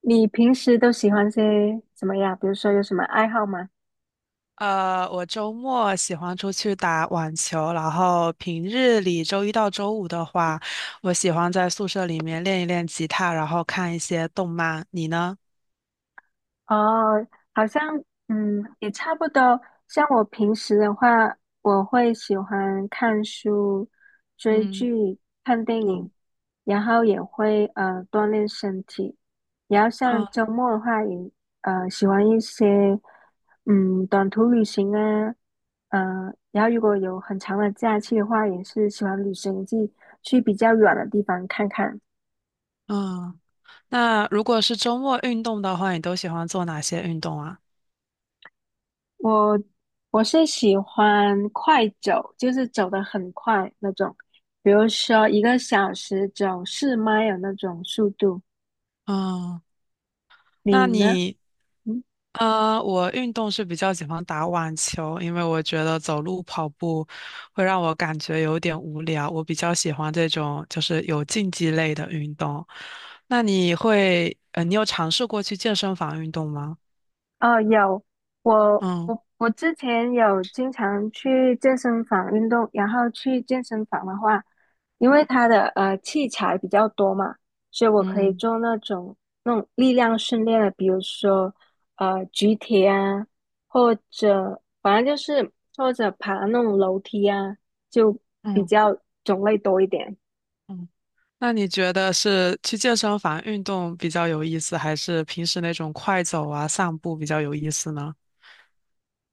你平时都喜欢些什么呀？比如说有什么爱好吗？我周末喜欢出去打网球，然后平日里周一到周五的话，我喜欢在宿舍里面练一练吉他，然后看一些动漫。你呢？哦，好像也差不多。像我平时的话，我会喜欢看书、追嗯剧、看电影，嗯然后也会锻炼身体。然后像嗯周末的话也，喜欢一些短途旅行啊，然后如果有很长的假期的话，也是喜欢旅行去比较远的地方看看。嗯。那如果是周末运动的话，你都喜欢做哪些运动啊？我我是喜欢快走，就是走得很快那种，比如说一个小时走四迈的那种速度。嗯。那你呢？你，嗯我运动是比较喜欢打网球，因为我觉得走路跑步会让我感觉有点无聊，我比较喜欢这种就是有竞技类的运动。那你会，呃，你有尝试过去健身房运动吗？哦，有，嗯我之前有经常去健身房运动，然后去健身房的话，因为它的器材比较多嘛，所以我可以嗯做那种力量训练的，比如说举铁啊，或者反正就是或者爬那种楼梯啊，就比嗯较种类多一点。嗯。那你觉得是去健身房运动比较有意思，还是平时那种快走啊、散步比较有意思呢？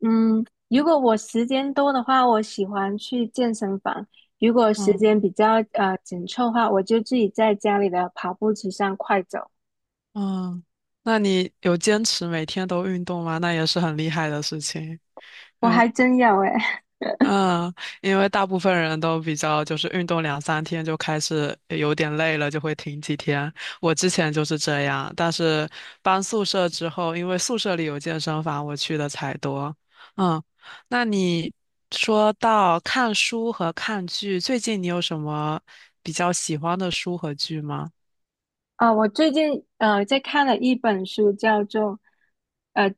嗯，如果我时间多的话，我喜欢去健身房；如果时嗯。间比较紧凑的话，我就自己在家里的跑步机上快走。嗯，那你有坚持每天都运动吗？那也是很厉害的事情。我因为还真有诶，嗯，因为大部分人都比较就是运动两三天就开始有点累了，就会停几天。我之前就是这样，但是搬宿舍之后，因为宿舍里有健身房，我去的才多。嗯，那你说到看书和看剧，最近你有什么比较喜欢的书和剧吗？啊、我最近在看了一本书，叫做呃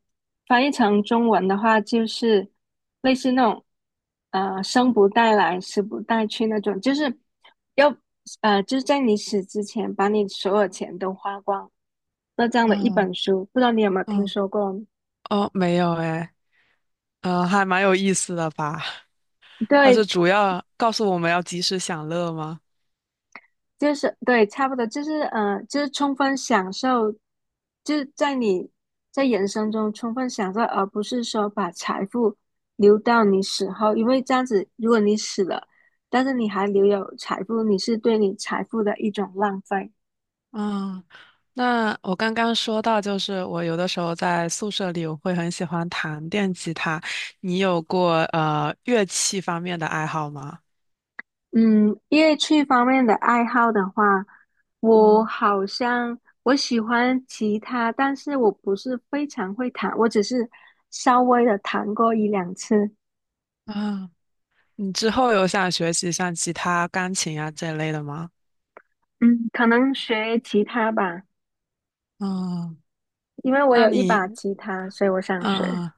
翻译成中文的话就是类似那种生不带来死不带去那种，就是要就是在你死之前把你所有钱都花光，那这样的一嗯本书，不知道你有没有听嗯说过？哦，没有诶。还蛮有意思的吧？它对，是主要告诉我们要及时享乐吗？就是对，差不多就是充分享受，就是在人生中充分享受，而不是说把财富留到你死后，因为这样子，如果你死了，但是你还留有财富，你是对你财富的一种浪费。嗯，那我刚刚说到，就是我有的时候在宿舍里，我会很喜欢弹电吉他。你有过乐器方面的爱好吗？嗯，乐器方面的爱好的话，我嗯好像我喜欢吉他，但是我不是非常会弹，我只是稍微的弹过一两次。啊，你之后有想学习像吉他、钢琴啊这类的吗？嗯，可能学吉他吧，嗯，因为我那有一把你吉他，所以我想学。嗯，呃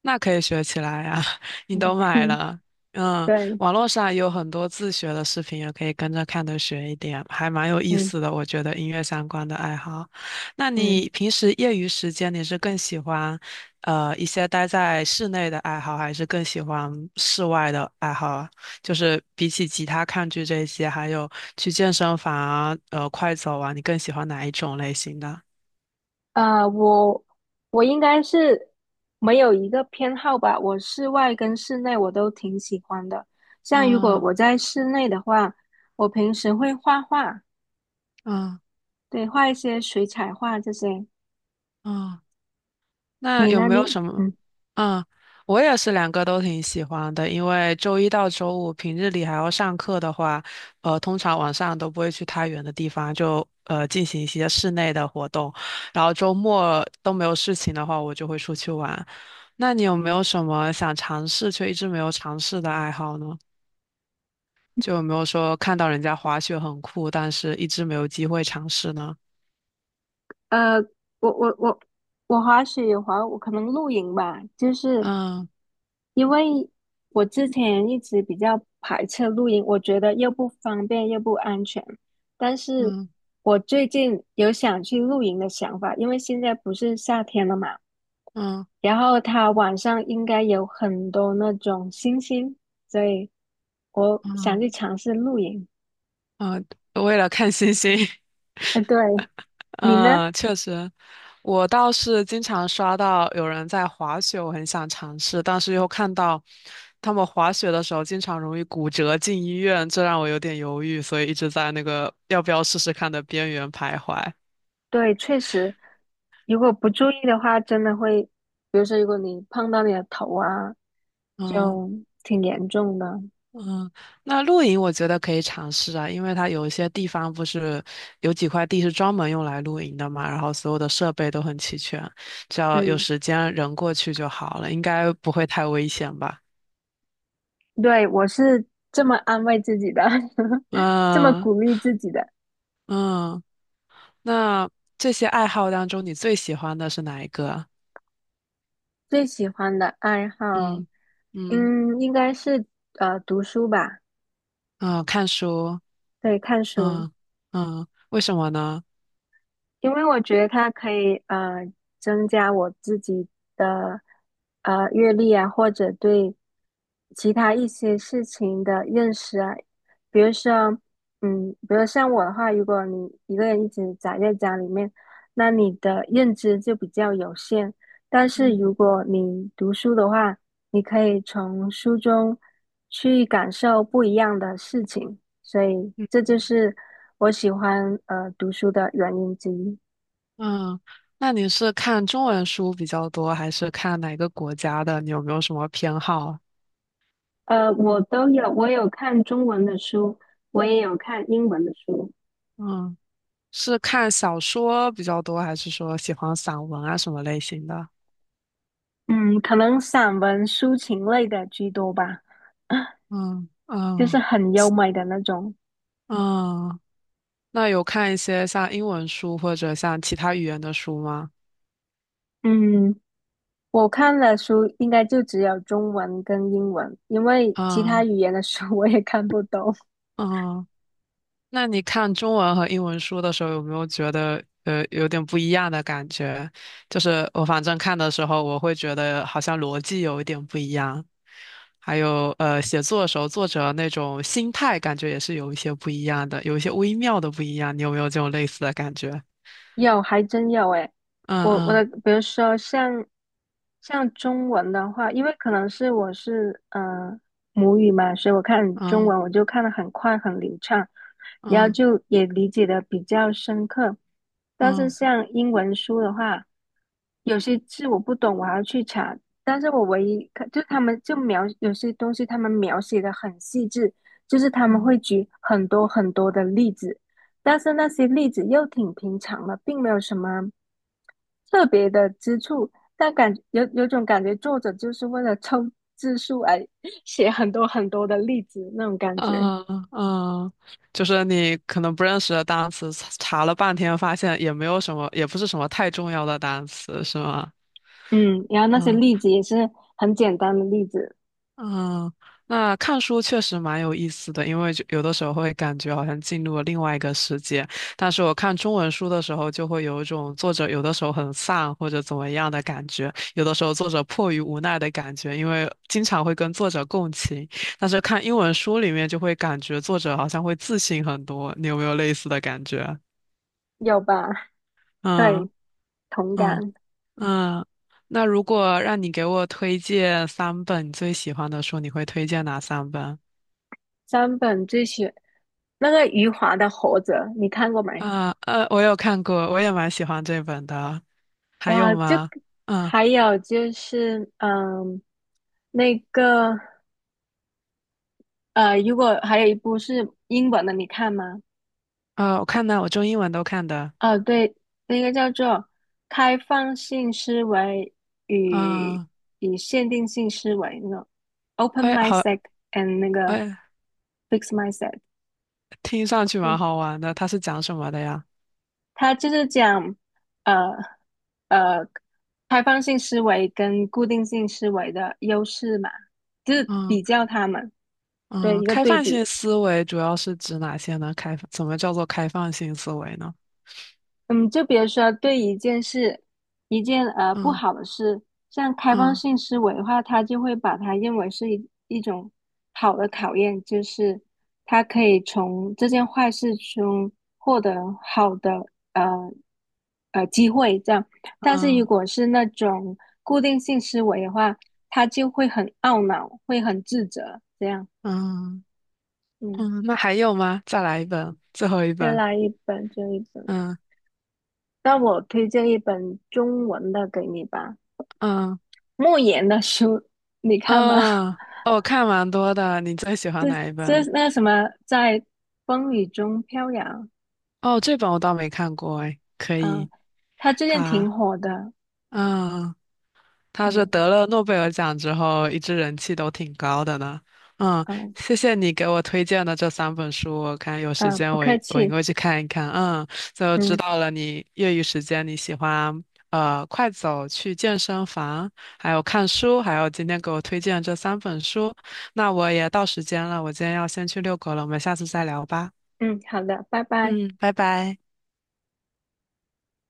那可以学起来呀、嗯你哼，都买 了。嗯，对，网络上也有很多自学的视频，也可以跟着看着学一点，还蛮有意嗯思的。我觉得音乐相关的爱好，那嗯，你平时业余时间你是更喜欢，一些待在室内的爱好，还是更喜欢室外的爱好啊？就是比起吉他、看剧这些，还有去健身房啊，快走啊，你更喜欢哪一种类型的？呃，我我应该是没有一个偏好吧，我室外跟室内我都挺喜欢的。像如果啊我在室内的话，我平时会画画，啊对，画一些水彩画这些。啊！那你有呢？没你有什么？嗯，嗯，我也是两个都挺喜欢的，因为周一到周五平日里还要上课的话，通常晚上都不会去太远的地方，就进行一些室内的活动，然后周末都没有事情的话，我就会出去玩。那你有没有什么想尝试却一直没有尝试的爱好呢？就有没有说看到人家滑雪很酷，但是一直没有机会尝试呢？呃，我我我我滑雪有滑，我可能露营吧，就是。嗯因为我之前一直比较排斥露营，我觉得又不方便又不安全。但是嗯我最近有想去露营的想法，因为现在不是夏天了嘛，嗯然后它晚上应该有很多那种星星，所以我想嗯去尝试露营。嗯，为了看星星。哎，对，你呢？嗯，确实，我倒是经常刷到有人在滑雪，我很想尝试，但是又看到他们滑雪的时候经常容易骨折进医院，这让我有点犹豫，所以一直在那个要不要试试看的边缘徘徊。对，确实，如果不注意的话，真的会，比如说如果你碰到你的头啊，嗯就挺严重的。嗯，那露营我觉得可以尝试啊，因为它有一些地方不是有几块地是专门用来露营的嘛，然后所有的设备都很齐全，只要有嗯。时间人过去就好了，应该不会太危险吧。对，我是这么安慰自己的，这么嗯鼓励自己的。嗯，那这些爱好当中，你最喜欢的是哪一个啊？最喜欢的爱好，嗯嗯应该是读书吧，嗯，看书。对，看书。嗯嗯，为什么呢？因为我觉得它可以增加我自己的阅历啊，或者对其他一些事情的认识啊。比如说，比如像我的话，如果你一个人一直宅在家里面，那你的认知就比较有限。但是如嗯果你读书的话，你可以从书中去感受不一样的事情。所以这嗯。就是我喜欢读书的原因之一。嗯，那你是看中文书比较多，还是看哪个国家的？你有没有什么偏好？我都有，我有看中文的书，我也有看英文的书。嗯，是看小说比较多，还是说喜欢散文啊什么类型的？嗯，可能散文、抒情类的居多吧，嗯就是嗯很优美的那种。嗯，那有看一些像英文书或者像其他语言的书吗？嗯，我看的书应该就只有中文跟英文，因为其他嗯语言的书 我也看不懂。嗯那你看中文和英文书的时候，有没有觉得有点不一样的感觉？就是我反正看的时候，我会觉得好像逻辑有一点不一样，还有写作的时候，作者那种心态感觉也是有一些不一样的，有一些微妙的不一样。你有没有这种类似的感觉？有，还真有诶。嗯我的，嗯比如说像中文的话，因为可能是我是母语嘛，所以我看中嗯文我就看得很快很流畅，然后嗯就也理解的比较深刻。但是嗯像英文书的话，有些字我不懂，我还要去查。但是我唯一看，就他们就描有些东西，他们描写的很细致，就是他们嗯会举很多很多的例子。但是那些例子又挺平常的，并没有什么特别的之处。但有种感觉，作者就是为了凑字数而 写很多很多的例子那种感觉。嗯嗯，就是你可能不认识的单词，查了半天发现也没有什么，也不是什么太重要的单词，是吗？嗯，然后那些嗯。例子也是很简单的例子，嗯，那看书确实蛮有意思的，因为就有的时候会感觉好像进入了另外一个世界。但是我看中文书的时候，就会有一种作者有的时候很丧或者怎么样的感觉，有的时候作者迫于无奈的感觉，因为经常会跟作者共情。但是看英文书里面就会感觉作者好像会自信很多，你有没有类似的感觉啊？有吧？嗯对，同嗯感。嗯。那如果让你给我推荐三本你最喜欢的书，你会推荐哪三本？三本那个余华的《活着》，你看过没？啊，我有看过，我也蛮喜欢这本的。还哇，有就吗？嗯还有就是，那个如果还有一部是英文的，你看吗？啊，我看呢，我中英文都看的。哦，对，那个叫做《开放性思维与啊，限定性思维》那个 Open 哎，好，Mindset and 那个 哎，Fixed Mindset。听上去对，蛮好玩的。它是讲什么的呀？它就是讲呃呃开放性思维跟固定性思维的优势嘛，就是嗯比较它们，对，嗯，一个开对放比。性思维主要是指哪些呢？开放，怎么叫做开放性思维呢？嗯，就比如说对一件事，一件不嗯好的事，像开放嗯性思维的话，他就会把它认为是一种好的考验，就是他可以从这件坏事中获得好的呃机会这样。但是如嗯果是那种固定性思维的话，他就会很懊恼，会很自责这样。嗯嗯，嗯，那还有吗？再来一本，最后一再本。来一本这一本，嗯那我推荐一本中文的给你吧。嗯莫言的书，你看吗？嗯，哦，我看蛮多的。你最喜欢这哪一本？这那个什么，在风雨中飘扬，哦，这本我倒没看过哎，可嗯，以。他最近他，挺火的，嗯，他是嗯得了诺贝尔奖之后，一直人气都挺高的呢。嗯，嗯谢谢你给我推荐的这三本书，我看有嗯，时间不我客我应气，该去看一看。嗯，就嗯知道了你业余时间你喜欢快走去健身房，还有看书，还有今天给我推荐这三本书。那我也到时间了，我今天要先去遛狗了，我们下次再聊吧。嗯，好的，拜拜。嗯，拜拜。